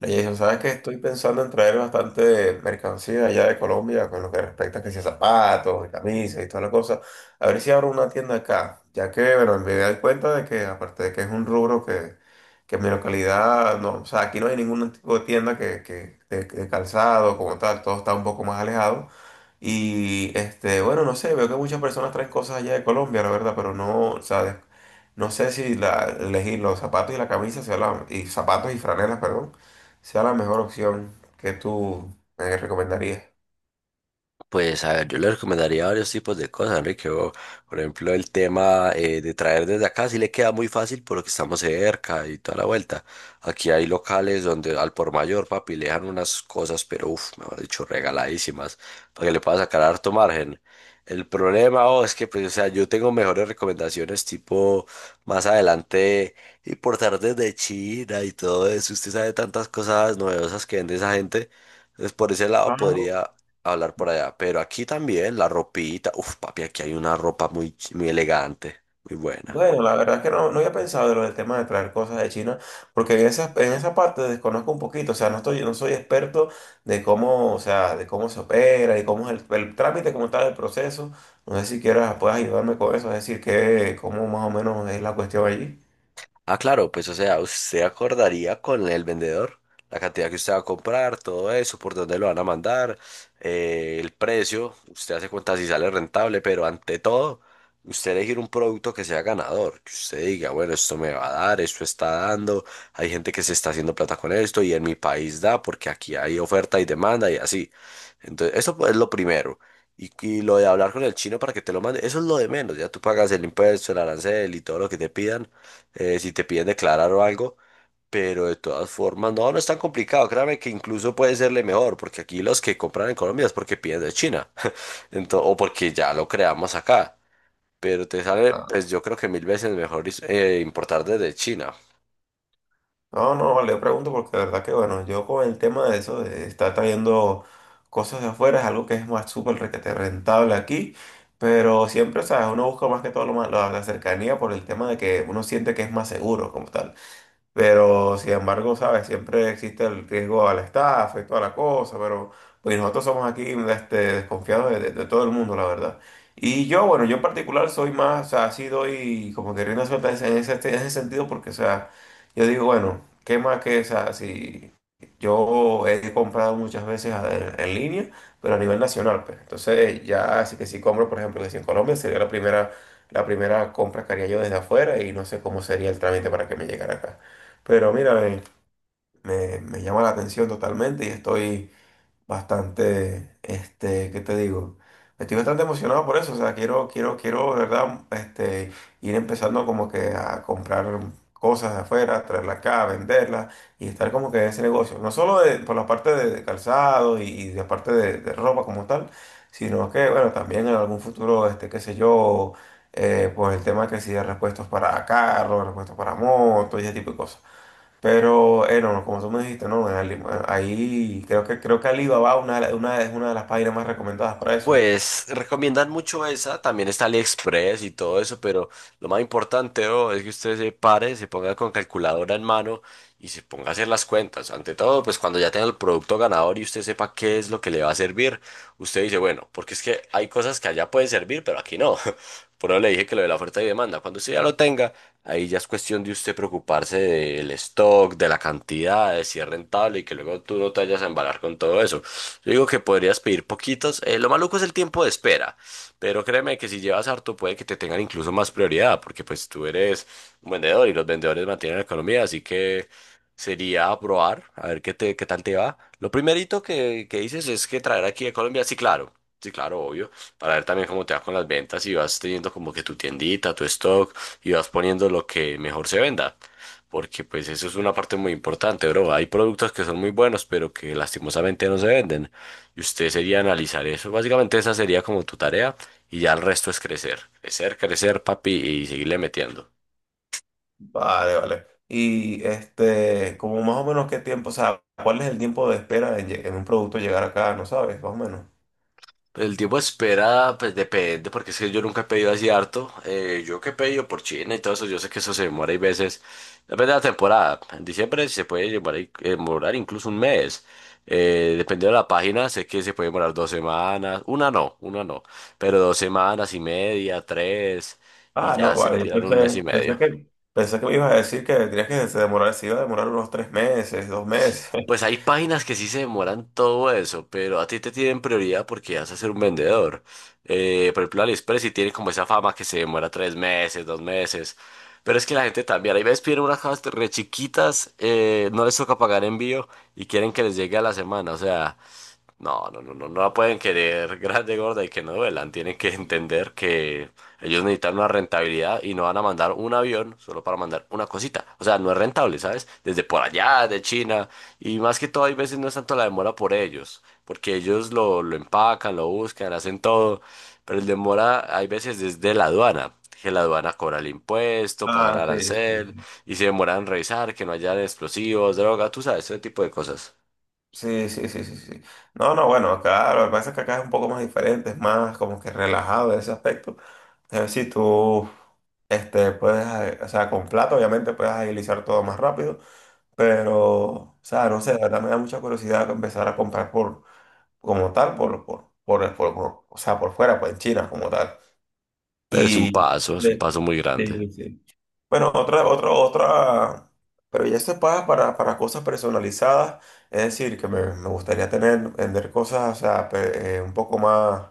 Le dije, ¿sabes qué? Estoy pensando en traer bastante mercancía allá de Colombia con lo que respecta a que sea zapatos, y camisas y toda la cosa. A ver si abro una tienda acá, ya que, bueno, me doy cuenta de que, aparte de que es un rubro que en mi localidad, no, o sea, aquí no hay ningún tipo de tienda de calzado como tal, todo está un poco más alejado. Y, bueno, no sé, veo que muchas personas traen cosas allá de Colombia, la verdad, pero no, o sea, no sé si la, elegir los zapatos y la camisa sea la, y zapatos y franelas, perdón, sea la mejor opción que tú me recomendarías. Pues a ver, yo le recomendaría varios tipos de cosas, Enrique. O, por ejemplo, el tema de traer desde acá sí le queda muy fácil porque estamos cerca y toda la vuelta. Aquí hay locales donde al por mayor, papi, le dejan unas cosas, pero uff, mejor dicho, regaladísimas, para que le pueda sacar harto margen. El problema, oh, es que, pues, o sea, yo tengo mejores recomendaciones, tipo, más adelante, importar desde China y todo eso. Usted sabe tantas cosas novedosas que vende esa gente. Entonces, por ese lado Ah, podría hablar por allá. Pero aquí también la ropita. Uf, papi, aquí hay una ropa muy, muy elegante, muy buena. bueno, la verdad es que no, no había pensado en lo del tema de traer cosas de China, porque en esa parte desconozco un poquito, o sea, no estoy, no soy experto de cómo, o sea, de cómo se opera y cómo es el trámite, cómo está el proceso. No sé si quieras, puedas ayudarme con eso, es decir, que, cómo más o menos es la cuestión allí. Ah, claro, pues o sea, usted acordaría con el vendedor la cantidad que usted va a comprar, todo eso, por dónde lo van a mandar, el precio, usted hace cuenta si sale rentable, pero ante todo, usted elegir un producto que sea ganador, que usted diga, bueno, esto me va a dar, esto está dando, hay gente que se está haciendo plata con esto y en mi país da porque aquí hay oferta y demanda y así. Entonces, eso pues, es lo primero. Y lo de hablar con el chino para que te lo mande, eso es lo de menos, ya tú pagas el impuesto, el arancel y todo lo que te pidan, si te piden declarar o algo, pero de todas formas, no, no es tan complicado, créame que incluso puede serle mejor, porque aquí los que compran en Colombia es porque piden de China, o porque ya lo creamos acá, pero te sale, pues yo creo que mil veces mejor importar desde China. No, no, vale, yo pregunto porque de verdad que bueno, yo con el tema de eso, de estar trayendo cosas de afuera, es algo que es más súper requete rentable aquí, pero siempre, sabes, uno busca más que todo lo más- la cercanía por el tema de que uno siente que es más seguro como tal. Pero sin embargo, ¿sabes? Siempre existe el riesgo a la estafa y toda la cosa, pero pues nosotros somos aquí desconfiados de todo el mundo, la verdad. Y yo, bueno, yo en particular soy más, o sea, así doy como que rienda suelta en ese, en ese- en ese sentido, porque, o sea, yo digo, bueno, ¿qué más que, o sea, si yo he comprado muchas veces a- en línea, pero a nivel nacional, pues. Entonces, ya, así que si compro, por ejemplo, que si en Colombia sería la primera compra que haría yo desde afuera y no sé cómo sería el trámite para que me llegara acá. Pero mira, me- me llama la atención totalmente y estoy bastante, ¿qué te digo? Estoy bastante emocionado por eso, o sea, quiero, quiero, quiero, de verdad, ir empezando como que a comprar cosas de afuera, traerlas acá, venderlas y estar como que en ese negocio. No solo de- por la parte de calzado y la parte de ropa como tal, sino que, bueno, también en algún futuro, qué sé yo, pues el tema que si de repuestos para carros, repuestos para motos y ese tipo de cosas. Pero, no, no, como tú me dijiste, no, en Ali- ahí creo que Alibaba una, de la- una, es una de las páginas más recomendadas para eso. Pues recomiendan mucho esa, también está AliExpress y todo eso, pero lo más importante, bro, es que usted se pare, se ponga con calculadora en mano y se ponga a hacer las cuentas. Ante todo, pues cuando ya tenga el producto ganador y usted sepa qué es lo que le va a servir, usted dice, bueno, porque es que hay cosas que allá pueden servir, pero aquí no. Por eso le dije que lo de la oferta y demanda, cuando usted ya lo tenga, ahí ya es cuestión de usted preocuparse del stock, de la cantidad, de si es rentable y que luego tú no te vayas a embalar con todo eso. Yo digo que podrías pedir poquitos. Lo maluco es el tiempo de espera, pero créeme que si llevas harto puede que te tengan incluso más prioridad, porque pues tú eres un vendedor y los vendedores mantienen la economía, así que sería probar, a ver qué te, qué tal te va. Lo primerito que dices es que traer aquí a Colombia, sí, claro. Sí, claro, obvio, para ver también cómo te va con las ventas y vas teniendo como que tu tiendita, tu stock y vas poniendo lo que mejor se venda, porque pues eso es una parte muy importante, bro. Hay productos que son muy buenos, pero que lastimosamente no se venden. Y usted sería analizar eso. Básicamente esa sería como tu tarea y ya el resto es crecer. Crecer, crecer, papi, y seguirle metiendo. Vale, vale. Y como más o menos qué tiempo, o sea, ¿cuál es el tiempo de espera en, lle- en un producto llegar acá? No sabes, más o menos. Pues el tiempo de espera, pues depende, porque es que yo nunca he pedido así harto. Yo que he pedido por China y todo eso, yo sé que eso se demora y veces. Depende de la temporada. En diciembre se puede demorar, demorar incluso un mes. Dependiendo de la página, sé que se puede demorar dos semanas. Una no, una no. Pero dos semanas y media, tres. Y Ah, ya no, se vale, yo tiran un mes y pensé, medio. Pensé que me ibas a decir que tenías que se demorar, se iba a demorar unos tres meses, dos meses. Pues hay páginas que sí se demoran todo eso, pero a ti te tienen prioridad porque vas a ser un vendedor. Por ejemplo, AliExpress sí tiene como esa fama que se demora tres meses, dos meses. Pero es que la gente también, hay veces piden unas cajas re chiquitas, no les toca pagar envío y quieren que les llegue a la semana. O sea, no, no, no, no, no la pueden querer grande, gorda y que no duelan. Tienen que entender que ellos necesitan una rentabilidad y no van a mandar un avión solo para mandar una cosita. O sea, no es rentable, ¿sabes? Desde por allá, de China. Y más que todo, hay veces no es tanto la demora por ellos, porque ellos lo empacan, lo buscan, hacen todo. Pero el demora, hay veces desde la aduana. Que la aduana cobra el impuesto, pasa el Ah, sí, sí, arancel sí. y se demoran en revisar que no haya explosivos, droga, tú sabes, ese tipo de cosas. Sí, sí, sí, sí, sí. No, no, bueno, acá lo que pasa es que acá es un poco más diferente, es más como que relajado en ese aspecto. Es decir, tú puedes, o sea, con plata obviamente puedes agilizar todo más rápido, pero, o sea, no sé, la verdad me da mucha curiosidad empezar a comprar por, como tal, por- o sea, por fuera, pues en China como tal. Pero Y... es un Sí, paso muy grande. sí, sí. Bueno, otra, otra, otra, pero ya se paga para cosas personalizadas, es decir, que me gustaría tener, vender cosas, o sea, pe- un poco más,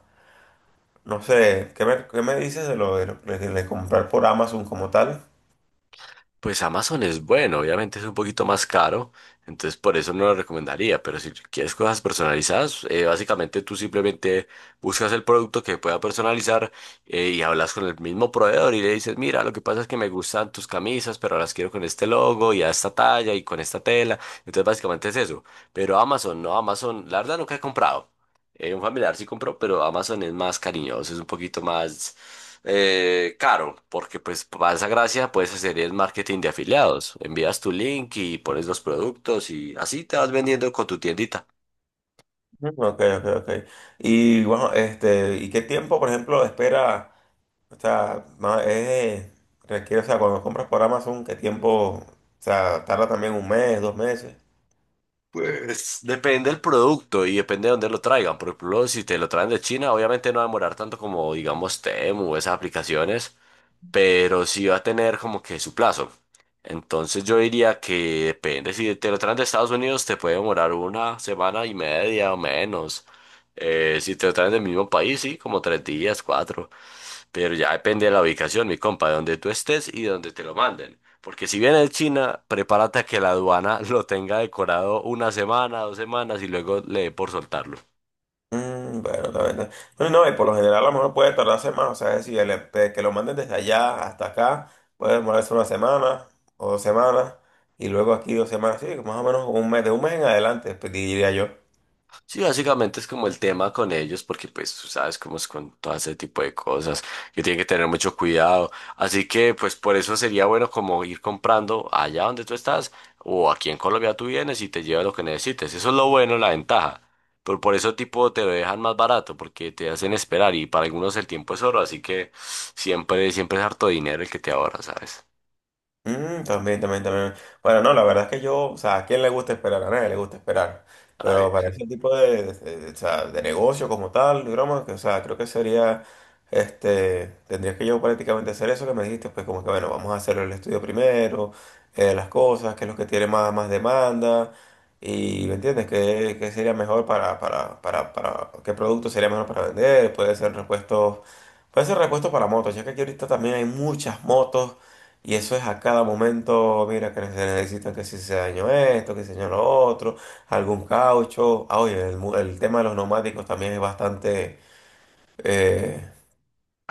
no sé, qué me dices de lo de, lo- de comprar por Amazon como tal? Pues Amazon es bueno, obviamente es un poquito más caro, entonces por eso no lo recomendaría, pero si quieres cosas personalizadas, básicamente tú simplemente buscas el producto que pueda personalizar, y hablas con el mismo proveedor y le dices, mira, lo que pasa es que me gustan tus camisas, pero las quiero con este logo y a esta talla y con esta tela, entonces básicamente es eso. Pero Amazon, no, Amazon, la verdad nunca he comprado. Un familiar sí compró, pero Amazon es más cariñoso, es un poquito más, caro, porque pues para esa gracia puedes hacer el marketing de afiliados. Envías tu link y pones los productos y así te vas vendiendo con tu tiendita. Ujú. Ok, ok, ok. Y bueno, ¿y qué tiempo, por ejemplo, espera, o sea, ma- requiere, o sea, cuando compras por Amazon, qué tiempo, o sea, tarda también un mes, dos meses? Pues depende del producto y depende de dónde lo traigan. Por ejemplo, si te lo traen de China, obviamente no va a demorar tanto como, digamos, Temu o esas aplicaciones, pero sí va a tener como que su plazo. Entonces yo diría que depende, si te lo traen de Estados Unidos te puede demorar una semana y media o menos. Si te lo traen del mismo país, sí, como tres días, cuatro. Pero ya depende de la ubicación, mi compa, de donde tú estés y de donde te lo manden. Porque si viene de China, prepárate a que la aduana lo tenga decorado una semana, dos semanas y luego le dé por soltarlo. Mm, bueno, la verdad. Bueno, no, y por lo general a lo mejor puede tardarse más, o sea, es decir, el, de que lo manden desde allá hasta acá, puede demorarse una semana o dos semanas, y luego aquí dos semanas, sí, más o menos un mes, de un mes en adelante, pues, diría yo. Sí, básicamente es como el tema con ellos, porque pues tú sabes cómo es con todo ese tipo de cosas, que tienen que tener mucho cuidado. Así que pues por eso sería bueno como ir comprando allá donde tú estás o aquí en Colombia tú vienes y te llevas lo que necesites. Eso es lo bueno, la ventaja. Pero por eso tipo te lo dejan más barato, porque te hacen esperar y para algunos el tiempo es oro, así que siempre, siempre es harto dinero el que te ahorra, ¿sabes? Mm, también, también, también. Bueno, no, la verdad es que yo, o sea, ¿a quién le gusta esperar? A nadie le gusta esperar. A nadie. Pero para ese tipo de- o sea, de negocio como tal, de broma, que, o sea, creo que sería, tendría que yo prácticamente hacer eso que me dijiste, pues como que, bueno, vamos a hacer el estudio primero, las cosas, qué es lo que tiene más, más demanda, y, ¿me entiendes? ¿Qué, qué sería mejor para, qué producto sería mejor para vender? Puede ser repuestos para motos, ya que aquí ahorita también hay muchas motos y eso es a cada momento, mira, que se necesita que si se dañó esto, que se dañó lo otro, algún caucho. Ah, oye, el, mu- el tema de los neumáticos también eh,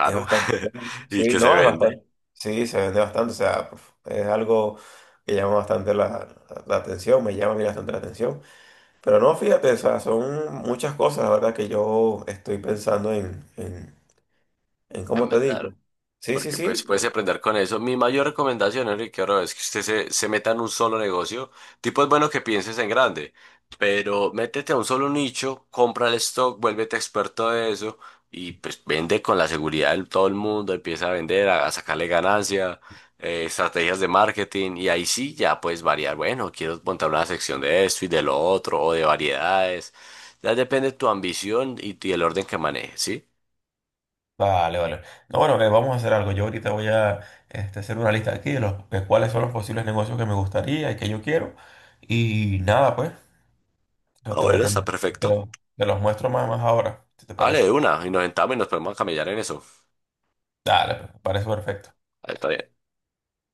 es bastante, bueno. Y Sí, que se no, es vende. bastante, sí, se vende bastante, o sea, es algo que llama bastante la, la atención, me llama a mí bastante la atención. Pero no, fíjate, o sea, son muchas cosas, la verdad, que yo estoy pensando en cómo En te verdad. digo. Sí, sí, Porque pues sí, puedes aprender con eso. Mi mayor recomendación, Enrique, ahora es que usted se meta en un solo negocio. Tipo es bueno que pienses en grande, pero métete a un solo nicho, compra el stock, vuélvete experto de eso y pues vende con la seguridad de todo el mundo, empieza a vender, a sacarle ganancia, estrategias de marketing y ahí sí ya puedes variar. Bueno, quiero montar una sección de esto y de lo otro o de variedades. Ya depende de tu ambición y el orden que manejes, ¿sí? vale, vale. No, bueno, vamos a hacer algo. Yo ahorita voy a hacer una lista aquí de, los, de cuáles son los posibles negocios que me gustaría y que yo quiero. Y nada, pues, te, Ah, te- te- bueno, está te perfecto. los te los muestro más, más ahora, si te Hable parece. de una y nos sentamos y nos podemos camellar en eso. Dale, pues, me parece perfecto. Ahí está bien.